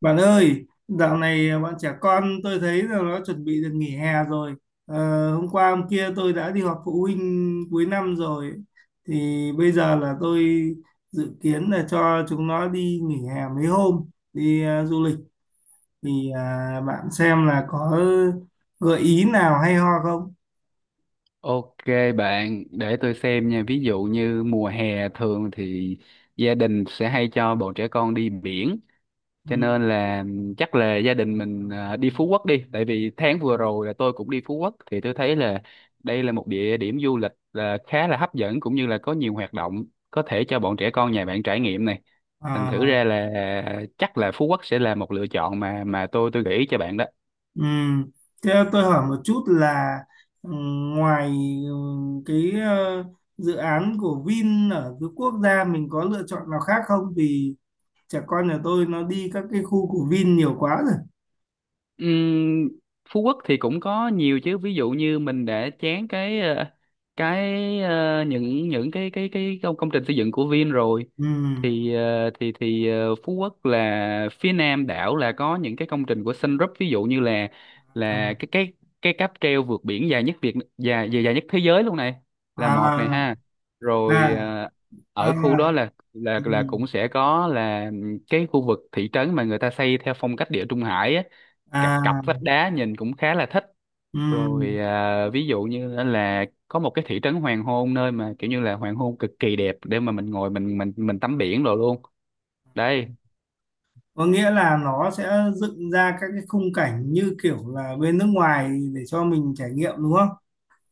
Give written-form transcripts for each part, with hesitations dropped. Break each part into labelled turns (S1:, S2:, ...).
S1: Bạn ơi, dạo này bọn trẻ con tôi thấy là nó chuẩn bị được nghỉ hè rồi. Hôm qua hôm kia tôi đã đi họp phụ huynh cuối năm rồi. Thì bây giờ là tôi dự kiến là cho chúng nó đi nghỉ hè mấy hôm, đi du lịch. Thì bạn xem là có gợi ý nào hay ho không?
S2: Ok bạn, để tôi xem nha. Ví dụ như mùa hè thường thì gia đình sẽ hay cho bọn trẻ con đi biển.
S1: Ừ.
S2: Cho nên là chắc là gia đình mình đi Phú Quốc đi. Tại vì tháng vừa rồi là tôi cũng đi Phú Quốc thì tôi thấy là đây là một địa điểm du lịch là khá là hấp dẫn, cũng như là có nhiều hoạt động có thể cho bọn trẻ con nhà bạn trải nghiệm này.
S1: Ờ.
S2: Thành thử ra là chắc là Phú Quốc sẽ là một lựa chọn mà tôi gợi ý cho bạn đó.
S1: Ừm. Thế tôi hỏi một chút là ngoài cái dự án của Vin ở cái quốc gia mình có lựa chọn nào khác không? Vì trẻ con nhà tôi nó đi các cái khu của Vin nhiều quá rồi.
S2: Ừm, Phú Quốc thì cũng có nhiều chứ, ví dụ như mình để chán cái những cái công công trình xây dựng của Vin rồi.
S1: Ừm.
S2: Thì ờ, thì thì ờ, Phú Quốc là phía nam đảo, là có những cái công trình của Sun Group, ví dụ như là là cái cái cái cáp treo vượt biển dài nhất Việt dài dài, dài nhất thế giới luôn này, là một này
S1: À.
S2: ha. Rồi
S1: À.
S2: ở khu đó
S1: À.
S2: là
S1: Ừm.
S2: cũng sẽ có là cái khu vực thị trấn mà người ta xây theo phong cách địa Trung Hải á, cặp cặp
S1: À.
S2: vách đá nhìn cũng khá là thích.
S1: Ừm.
S2: Rồi ví dụ như là có một cái thị trấn hoàng hôn, nơi mà kiểu như là hoàng hôn cực kỳ đẹp, để mà mình ngồi, mình tắm biển rồi luôn đây.
S1: Có nghĩa là nó sẽ dựng ra các cái khung cảnh như kiểu là bên nước ngoài để cho mình trải nghiệm đúng không?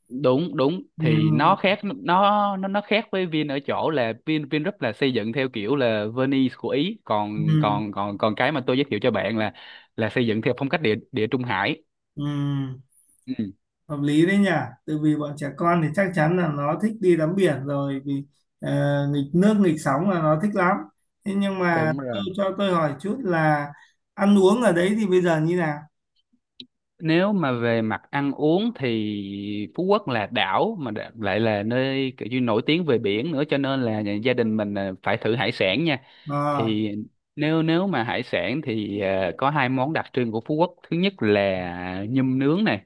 S2: Đúng đúng, thì
S1: Ừm.
S2: nó khác, nó khác với Vin ở chỗ là Vingroup là xây dựng theo kiểu là Venice của Ý, còn
S1: Ừm.
S2: còn còn còn cái mà tôi giới thiệu cho bạn là xây dựng theo phong cách địa địa Trung Hải.
S1: Ừm.
S2: Ừ,
S1: Hợp lý đấy nhỉ, tại vì bọn trẻ con thì chắc chắn là nó thích đi tắm biển rồi. Vì ờ, nghịch nước nghịch sóng là nó thích lắm. Thế nhưng mà
S2: đúng
S1: tôi
S2: rồi.
S1: cho tôi hỏi chút là ăn uống ở đấy thì bây giờ như nào?
S2: Nếu mà về mặt ăn uống thì Phú Quốc là đảo mà lại là nơi kiểu như nổi tiếng về biển nữa, cho nên là gia đình mình là phải thử hải sản nha.
S1: Ờ.
S2: Thì nếu nếu mà hải sản thì có hai món đặc trưng của Phú Quốc. Thứ nhất là nhum nướng này,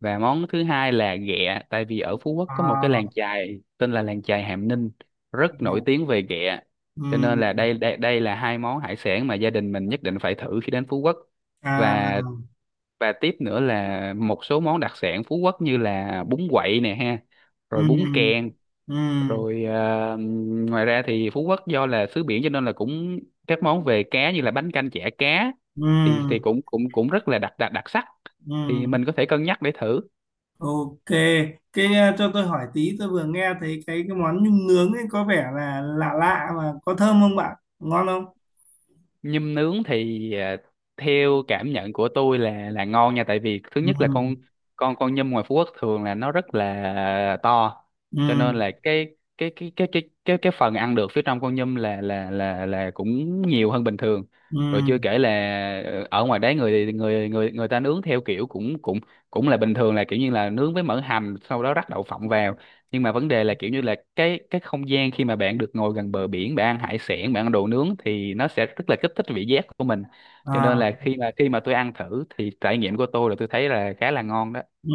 S2: và món thứ hai là ghẹ, tại vì ở Phú Quốc có một cái làng
S1: À.
S2: chài tên là làng chài Hàm Ninh
S1: À.
S2: rất nổi tiếng về ghẹ.
S1: Ừ.
S2: Cho nên là đây đây đây là hai món hải sản mà gia đình mình nhất định phải thử khi đến Phú Quốc.
S1: À.
S2: Và tiếp nữa là một số món đặc sản Phú Quốc như là bún quậy nè ha,
S1: Ừ.
S2: rồi bún kèn,
S1: Ừ.
S2: rồi ngoài ra thì Phú Quốc do là xứ biển cho nên là cũng các món về cá như là bánh canh chả cá, thì
S1: Ừ.
S2: cũng cũng cũng rất là đặc đặc đặc sắc. Thì
S1: Ừ.
S2: mình có thể cân nhắc để thử.
S1: OK, cái cho tôi hỏi tí, tôi vừa nghe thấy cái món nhum nướng ấy có vẻ là lạ lạ, mà có thơm không bạn, ngon không?
S2: Nhum nướng thì theo cảm nhận của tôi là ngon nha. Tại vì thứ nhất là
S1: Ừ.
S2: con con nhum ngoài Phú Quốc thường là nó rất là to, cho nên
S1: Ừ.
S2: là cái phần ăn được phía trong con nhum là cũng nhiều hơn bình thường.
S1: Ừ.
S2: Rồi chưa kể là ở ngoài đấy người người người người ta nướng theo kiểu cũng cũng cũng là bình thường, là kiểu như là nướng với mỡ hành, sau đó rắc đậu phộng vào. Nhưng mà vấn đề là kiểu như là cái không gian khi mà bạn được ngồi gần bờ biển, bạn ăn hải sản, bạn ăn đồ nướng thì nó sẽ rất là kích thích vị giác của mình. Cho nên
S1: À.
S2: là khi mà tôi ăn thử thì trải nghiệm của tôi là tôi thấy là khá là ngon đó.
S1: Ừ.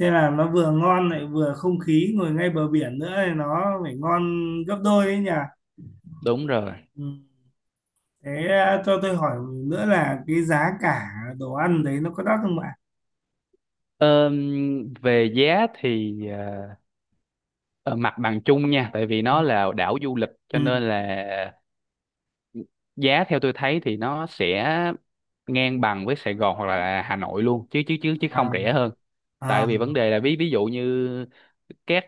S1: Thế là nó vừa ngon lại vừa không khí ngồi ngay bờ biển nữa thì nó phải ngon gấp đôi đấy nhỉ.
S2: Đúng rồi.
S1: Ừ. Thế à, cho tôi hỏi nữa là cái giá cả đồ ăn đấy nó có đắt không ạ?
S2: Về giá thì ờ, mặt bằng chung nha, tại vì nó là đảo du lịch cho
S1: Ừ.
S2: nên là giá theo tôi thấy thì nó sẽ ngang bằng với Sài Gòn hoặc là Hà Nội luôn, chứ chứ chứ chứ không
S1: À.
S2: rẻ hơn. Tại
S1: À.
S2: vì vấn đề là ví ví dụ như các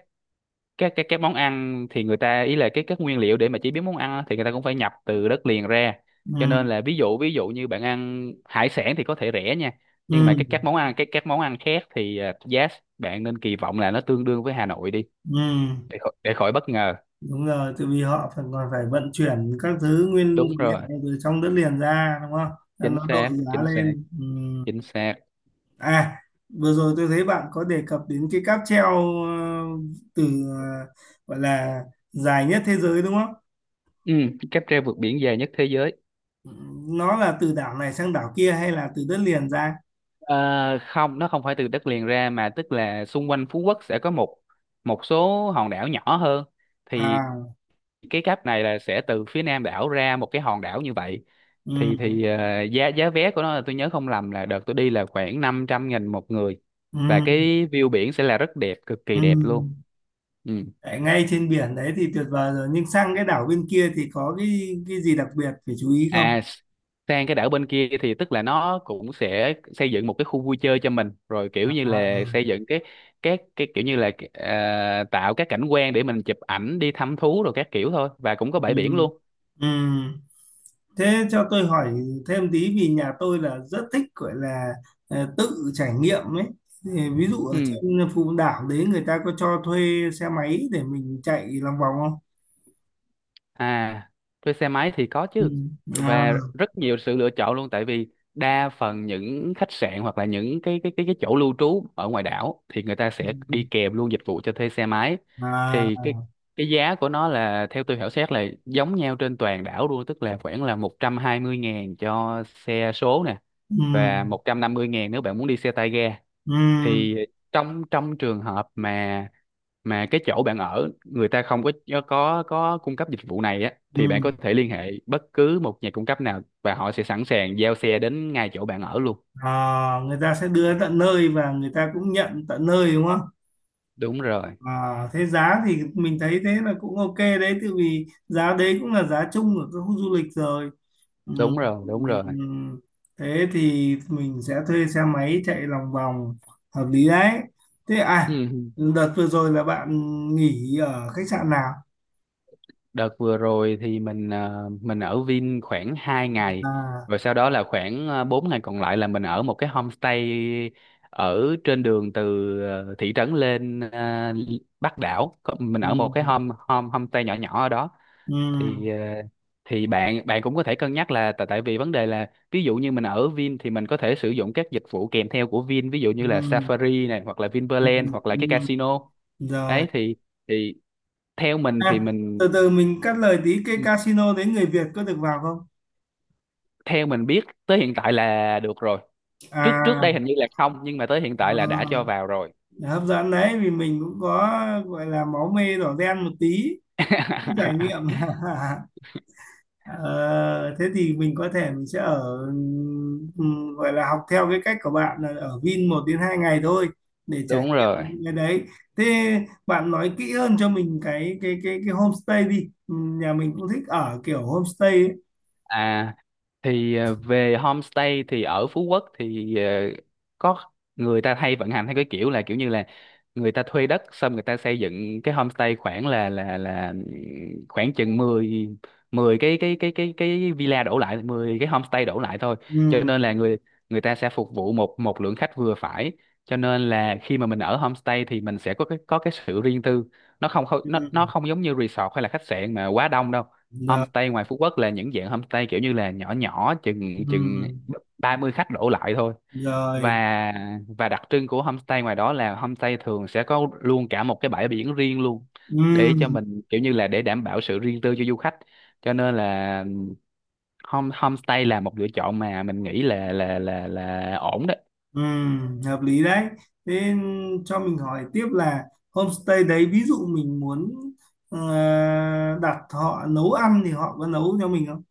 S2: các món ăn thì người ta ý là cái các nguyên liệu để mà chế biến món ăn á, thì người ta cũng phải nhập từ đất liền ra. Cho nên
S1: Ừ.
S2: là ví dụ như bạn ăn hải sản thì có thể rẻ nha, nhưng mà
S1: Ừ.
S2: các món ăn khác thì giá bạn nên kỳ vọng là nó tương đương với Hà Nội đi,
S1: Ừ.
S2: để khỏi bất ngờ.
S1: Đúng rồi, tại vì họ phải còn phải vận chuyển các thứ nguyên vật
S2: Đúng rồi.
S1: liệu từ trong đất liền ra đúng không? Nên
S2: Chính
S1: nó đội
S2: xác,
S1: giá
S2: chính xác,
S1: lên. Ừ.
S2: chính xác.
S1: À, vừa rồi tôi thấy bạn có đề cập đến cái cáp treo, ờ, từ gọi là dài nhất thế giới đúng không?
S2: Ừ, cáp treo vượt biển dài nhất thế giới.
S1: Ừ. Nó là từ đảo này sang đảo kia hay là từ đất liền ra?
S2: Ờ, không, nó không phải từ đất liền ra, mà tức là xung quanh Phú Quốc sẽ có một một số hòn đảo nhỏ hơn. Thì
S1: À.
S2: cái cáp này là sẽ từ phía nam đảo ra một cái hòn đảo như vậy.
S1: Ừ.
S2: Giá giá vé của nó là, tôi nhớ không lầm, là đợt tôi đi là khoảng 500.000 một người.
S1: Ừ.
S2: Và cái view biển sẽ là rất đẹp, cực kỳ
S1: Ừ.
S2: đẹp luôn. Ừ.
S1: Tại ngay trên biển đấy thì tuyệt vời rồi, nhưng sang cái đảo bên kia thì có cái gì đặc biệt phải chú ý không?
S2: à s- Sang cái đảo bên kia thì tức là nó cũng sẽ xây dựng một cái khu vui chơi cho mình rồi, kiểu
S1: À.
S2: như là xây dựng các cái kiểu như là tạo các cảnh quan để mình chụp ảnh, đi thăm thú rồi các kiểu thôi, và cũng có
S1: Ừ.
S2: bãi biển luôn.
S1: Ừ. Thế cho tôi hỏi thêm tí, vì nhà tôi là rất thích, gọi là tự trải nghiệm ấy. Thì ví dụ ở
S2: Ừ.
S1: trên Phú Đảo đấy người ta có cho thuê xe máy để mình chạy lòng vòng không?
S2: À, thuê xe máy thì có
S1: Ừ.
S2: chứ,
S1: À.
S2: và rất nhiều sự lựa chọn luôn. Tại vì đa phần những khách sạn, hoặc là những cái chỗ lưu trú ở ngoài đảo, thì người ta sẽ đi kèm luôn dịch vụ cho thuê xe máy.
S1: À.
S2: Thì cái giá của nó là theo tôi khảo sát là giống nhau trên toàn đảo luôn, tức là khoảng là 120.000 cho xe số nè,
S1: Ừ.
S2: và 150.000 nếu bạn muốn đi xe tay ga.
S1: Ừ.
S2: Thì trong trong trường hợp mà cái chỗ bạn ở người ta không có cung cấp dịch vụ này á,
S1: Ừ.
S2: thì bạn có thể liên hệ bất cứ một nhà cung cấp nào, và họ sẽ sẵn sàng giao xe đến ngay chỗ bạn ở luôn.
S1: À, người ta sẽ đưa tận nơi và người ta cũng nhận tận nơi đúng không?
S2: Đúng rồi,
S1: À, thế giá thì mình thấy thế là cũng OK đấy, tại vì giá đấy cũng là giá chung ở các khu du lịch rồi. Ừm.
S2: đúng rồi, đúng rồi.
S1: Ừm. Thế thì mình sẽ thuê xe máy chạy lòng vòng, hợp lý đấy. Thế à,
S2: Ừ.
S1: đợt vừa rồi là bạn nghỉ ở khách sạn nào?
S2: Đợt vừa rồi thì mình ở Vin khoảng 2 ngày,
S1: À.
S2: rồi sau đó là khoảng 4 ngày còn lại là mình ở một cái homestay ở trên đường từ thị trấn lên Bắc đảo. Mình ở một cái
S1: Ừm.
S2: home home homestay nhỏ nhỏ ở đó.
S1: Ừm.
S2: Thì ờ, thì bạn bạn cũng có thể cân nhắc là, tại tại vì vấn đề là ví dụ như mình ở Vin thì mình có thể sử dụng các dịch vụ kèm theo của Vin, ví dụ như là
S1: Ừm.
S2: Safari này, hoặc là
S1: Ừm.
S2: Vinpearl, hoặc là cái
S1: Ừm.
S2: casino.
S1: Rồi.
S2: Ấy thì thì theo mình thì mình
S1: Từ từ mình cắt lời tí, cái casino đấy người Việt có được vào không?
S2: theo mình biết tới hiện tại là được rồi. Trước Trước đây
S1: À.
S2: hình như là không, nhưng mà tới hiện tại là đã cho
S1: ờ,
S2: vào rồi.
S1: Hấp dẫn đấy, vì mình cũng có gọi là máu mê đỏ đen một tí, cũng trải nghiệm. Ờ, thế thì mình có thể mình sẽ ở, gọi là học theo cái cách của bạn là ở Vin 1 đến 2 ngày thôi để trải
S2: Đúng rồi.
S1: nghiệm những cái đấy. Thế bạn nói kỹ hơn cho mình cái homestay đi. Nhà mình cũng thích ở kiểu homestay ấy.
S2: À, thì về homestay thì ở Phú Quốc thì có, người ta hay vận hành theo cái kiểu, là kiểu như là người ta thuê đất xong người ta xây dựng cái homestay khoảng là khoảng chừng mười, cái villa đổ lại, 10 cái homestay đổ lại thôi. Cho
S1: Ừm.
S2: nên là người người ta sẽ phục vụ một một lượng khách vừa phải. Cho nên là khi mà mình ở homestay thì mình sẽ có cái sự riêng tư, nó không không-
S1: Ừm.
S2: nó không giống như resort hay là khách sạn mà quá đông đâu.
S1: Rồi.
S2: Homestay ngoài Phú Quốc là những dạng homestay kiểu như là nhỏ nhỏ, chừng chừng
S1: Ừm.
S2: 30 khách đổ lại thôi.
S1: Rồi.
S2: Và đặc trưng của homestay ngoài đó là homestay thường sẽ có luôn cả một cái bãi biển riêng luôn, để cho
S1: Ừ.
S2: mình kiểu như là để đảm bảo sự riêng tư cho du khách. Cho nên là homestay là một lựa chọn mà mình nghĩ là ổn đó.
S1: Ừ, hợp lý đấy. Thế cho mình hỏi tiếp là homestay đấy ví dụ mình muốn ờ, đặt họ nấu ăn thì họ có nấu cho mình không?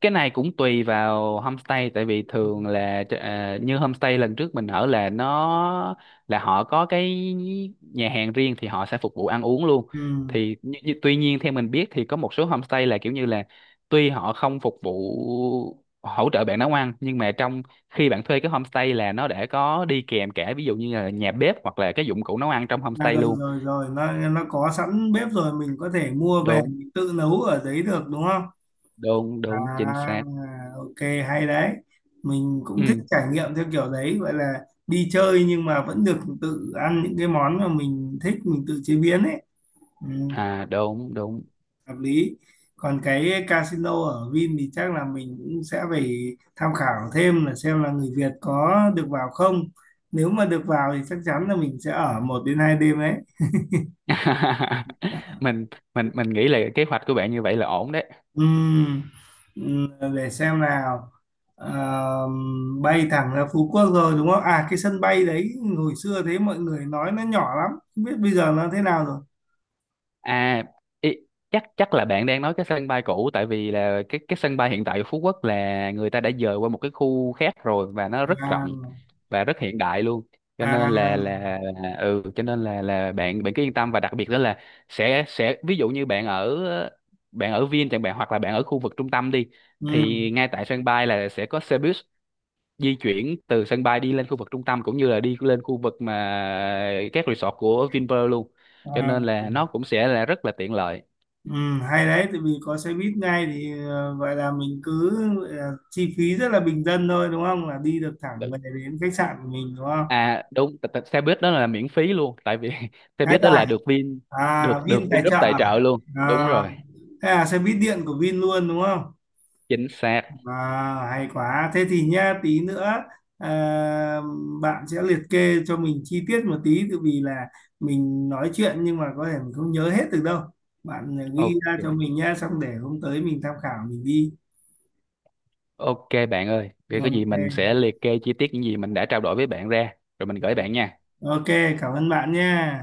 S2: Cái này cũng tùy vào homestay, tại vì thường là như homestay lần trước mình ở là nó là họ có nhà hàng riêng, thì họ sẽ phục vụ ăn uống luôn.
S1: Ừ.
S2: Thì như, như- tuy nhiên theo mình biết thì có một số homestay là kiểu như là, tuy họ không phục vụ hỗ trợ bạn nấu ăn, nhưng mà trong khi bạn thuê cái homestay là nó đã có đi kèm cả, ví dụ như là nhà bếp, hoặc là cái dụng cụ nấu ăn trong
S1: À,
S2: homestay
S1: rồi
S2: luôn.
S1: rồi rồi, nó có sẵn bếp rồi mình có thể mua về
S2: Đúng,
S1: mình tự nấu ở đấy được đúng không?
S2: đúng đúng. Chính
S1: À,
S2: xác.
S1: OK, hay đấy. Mình cũng thích
S2: Ừ.
S1: trải nghiệm theo kiểu đấy, gọi là đi chơi nhưng mà vẫn được tự ăn những cái món mà mình thích mình tự chế biến ấy. Ừ.
S2: À, đúng đúng.
S1: Hợp lý. Còn cái casino ở Vin thì chắc là mình cũng sẽ phải tham khảo thêm là xem là người Việt có được vào không. Nếu mà được vào thì chắc chắn là mình sẽ ở 1 đến 2 đêm đấy.
S2: Mình nghĩ là kế hoạch của bạn như vậy là ổn đấy.
S1: Ừm, để xem nào. Ờ, bay thẳng ra Phú Quốc rồi đúng không? À, cái sân bay đấy hồi xưa thế mọi người nói nó nhỏ lắm, không biết bây giờ nó thế nào rồi.
S2: À, ý, chắc chắc là bạn đang nói cái sân bay cũ, tại vì là cái sân bay hiện tại của Phú Quốc là người ta đã dời qua một cái khu khác rồi, và nó rất
S1: À.
S2: rộng và rất hiện đại luôn. Cho
S1: À.
S2: nên là bạn bạn cứ yên tâm. Và đặc biệt đó là sẽ, ví dụ như bạn ở Vin chẳng bạn, hoặc là bạn ở khu vực trung tâm đi,
S1: Ừm.
S2: thì ngay tại sân bay là sẽ có xe buýt di chuyển từ sân bay đi lên khu vực trung tâm, cũng như là đi lên khu vực mà các resort của Vinpearl luôn. Cho
S1: À.
S2: nên là nó cũng sẽ là rất là tiện lợi.
S1: Ừ, hay đấy, tại vì có xe buýt ngay thì vậy là mình cứ chi phí rất là bình dân thôi đúng không? Là đi được thẳng về đến khách sạn của mình đúng không?
S2: À đúng. Xe buýt đó là miễn phí luôn, tại vì xe
S1: Đấy
S2: buýt đó là
S1: à,
S2: được Vin,
S1: à
S2: được được
S1: Vin tài
S2: Vingroup
S1: trợ
S2: tài
S1: à?
S2: trợ luôn. Đúng
S1: À,
S2: rồi.
S1: thế là xe buýt điện của Vin luôn đúng không?
S2: Chính xác.
S1: À, hay quá. Thế thì nha, tí nữa ờ, bạn sẽ liệt kê cho mình chi tiết một tí, tại vì là mình nói chuyện nhưng mà có thể mình không nhớ hết được đâu. Bạn ghi ra cho
S2: Ok,
S1: mình nha, xong để hôm tới mình tham khảo mình đi.
S2: ok bạn ơi, vậy có
S1: Vâng,
S2: gì
S1: OK.
S2: mình sẽ liệt kê chi tiết những gì mình đã trao đổi với bạn ra, rồi mình gửi bạn nha.
S1: OK, cảm ơn bạn nha.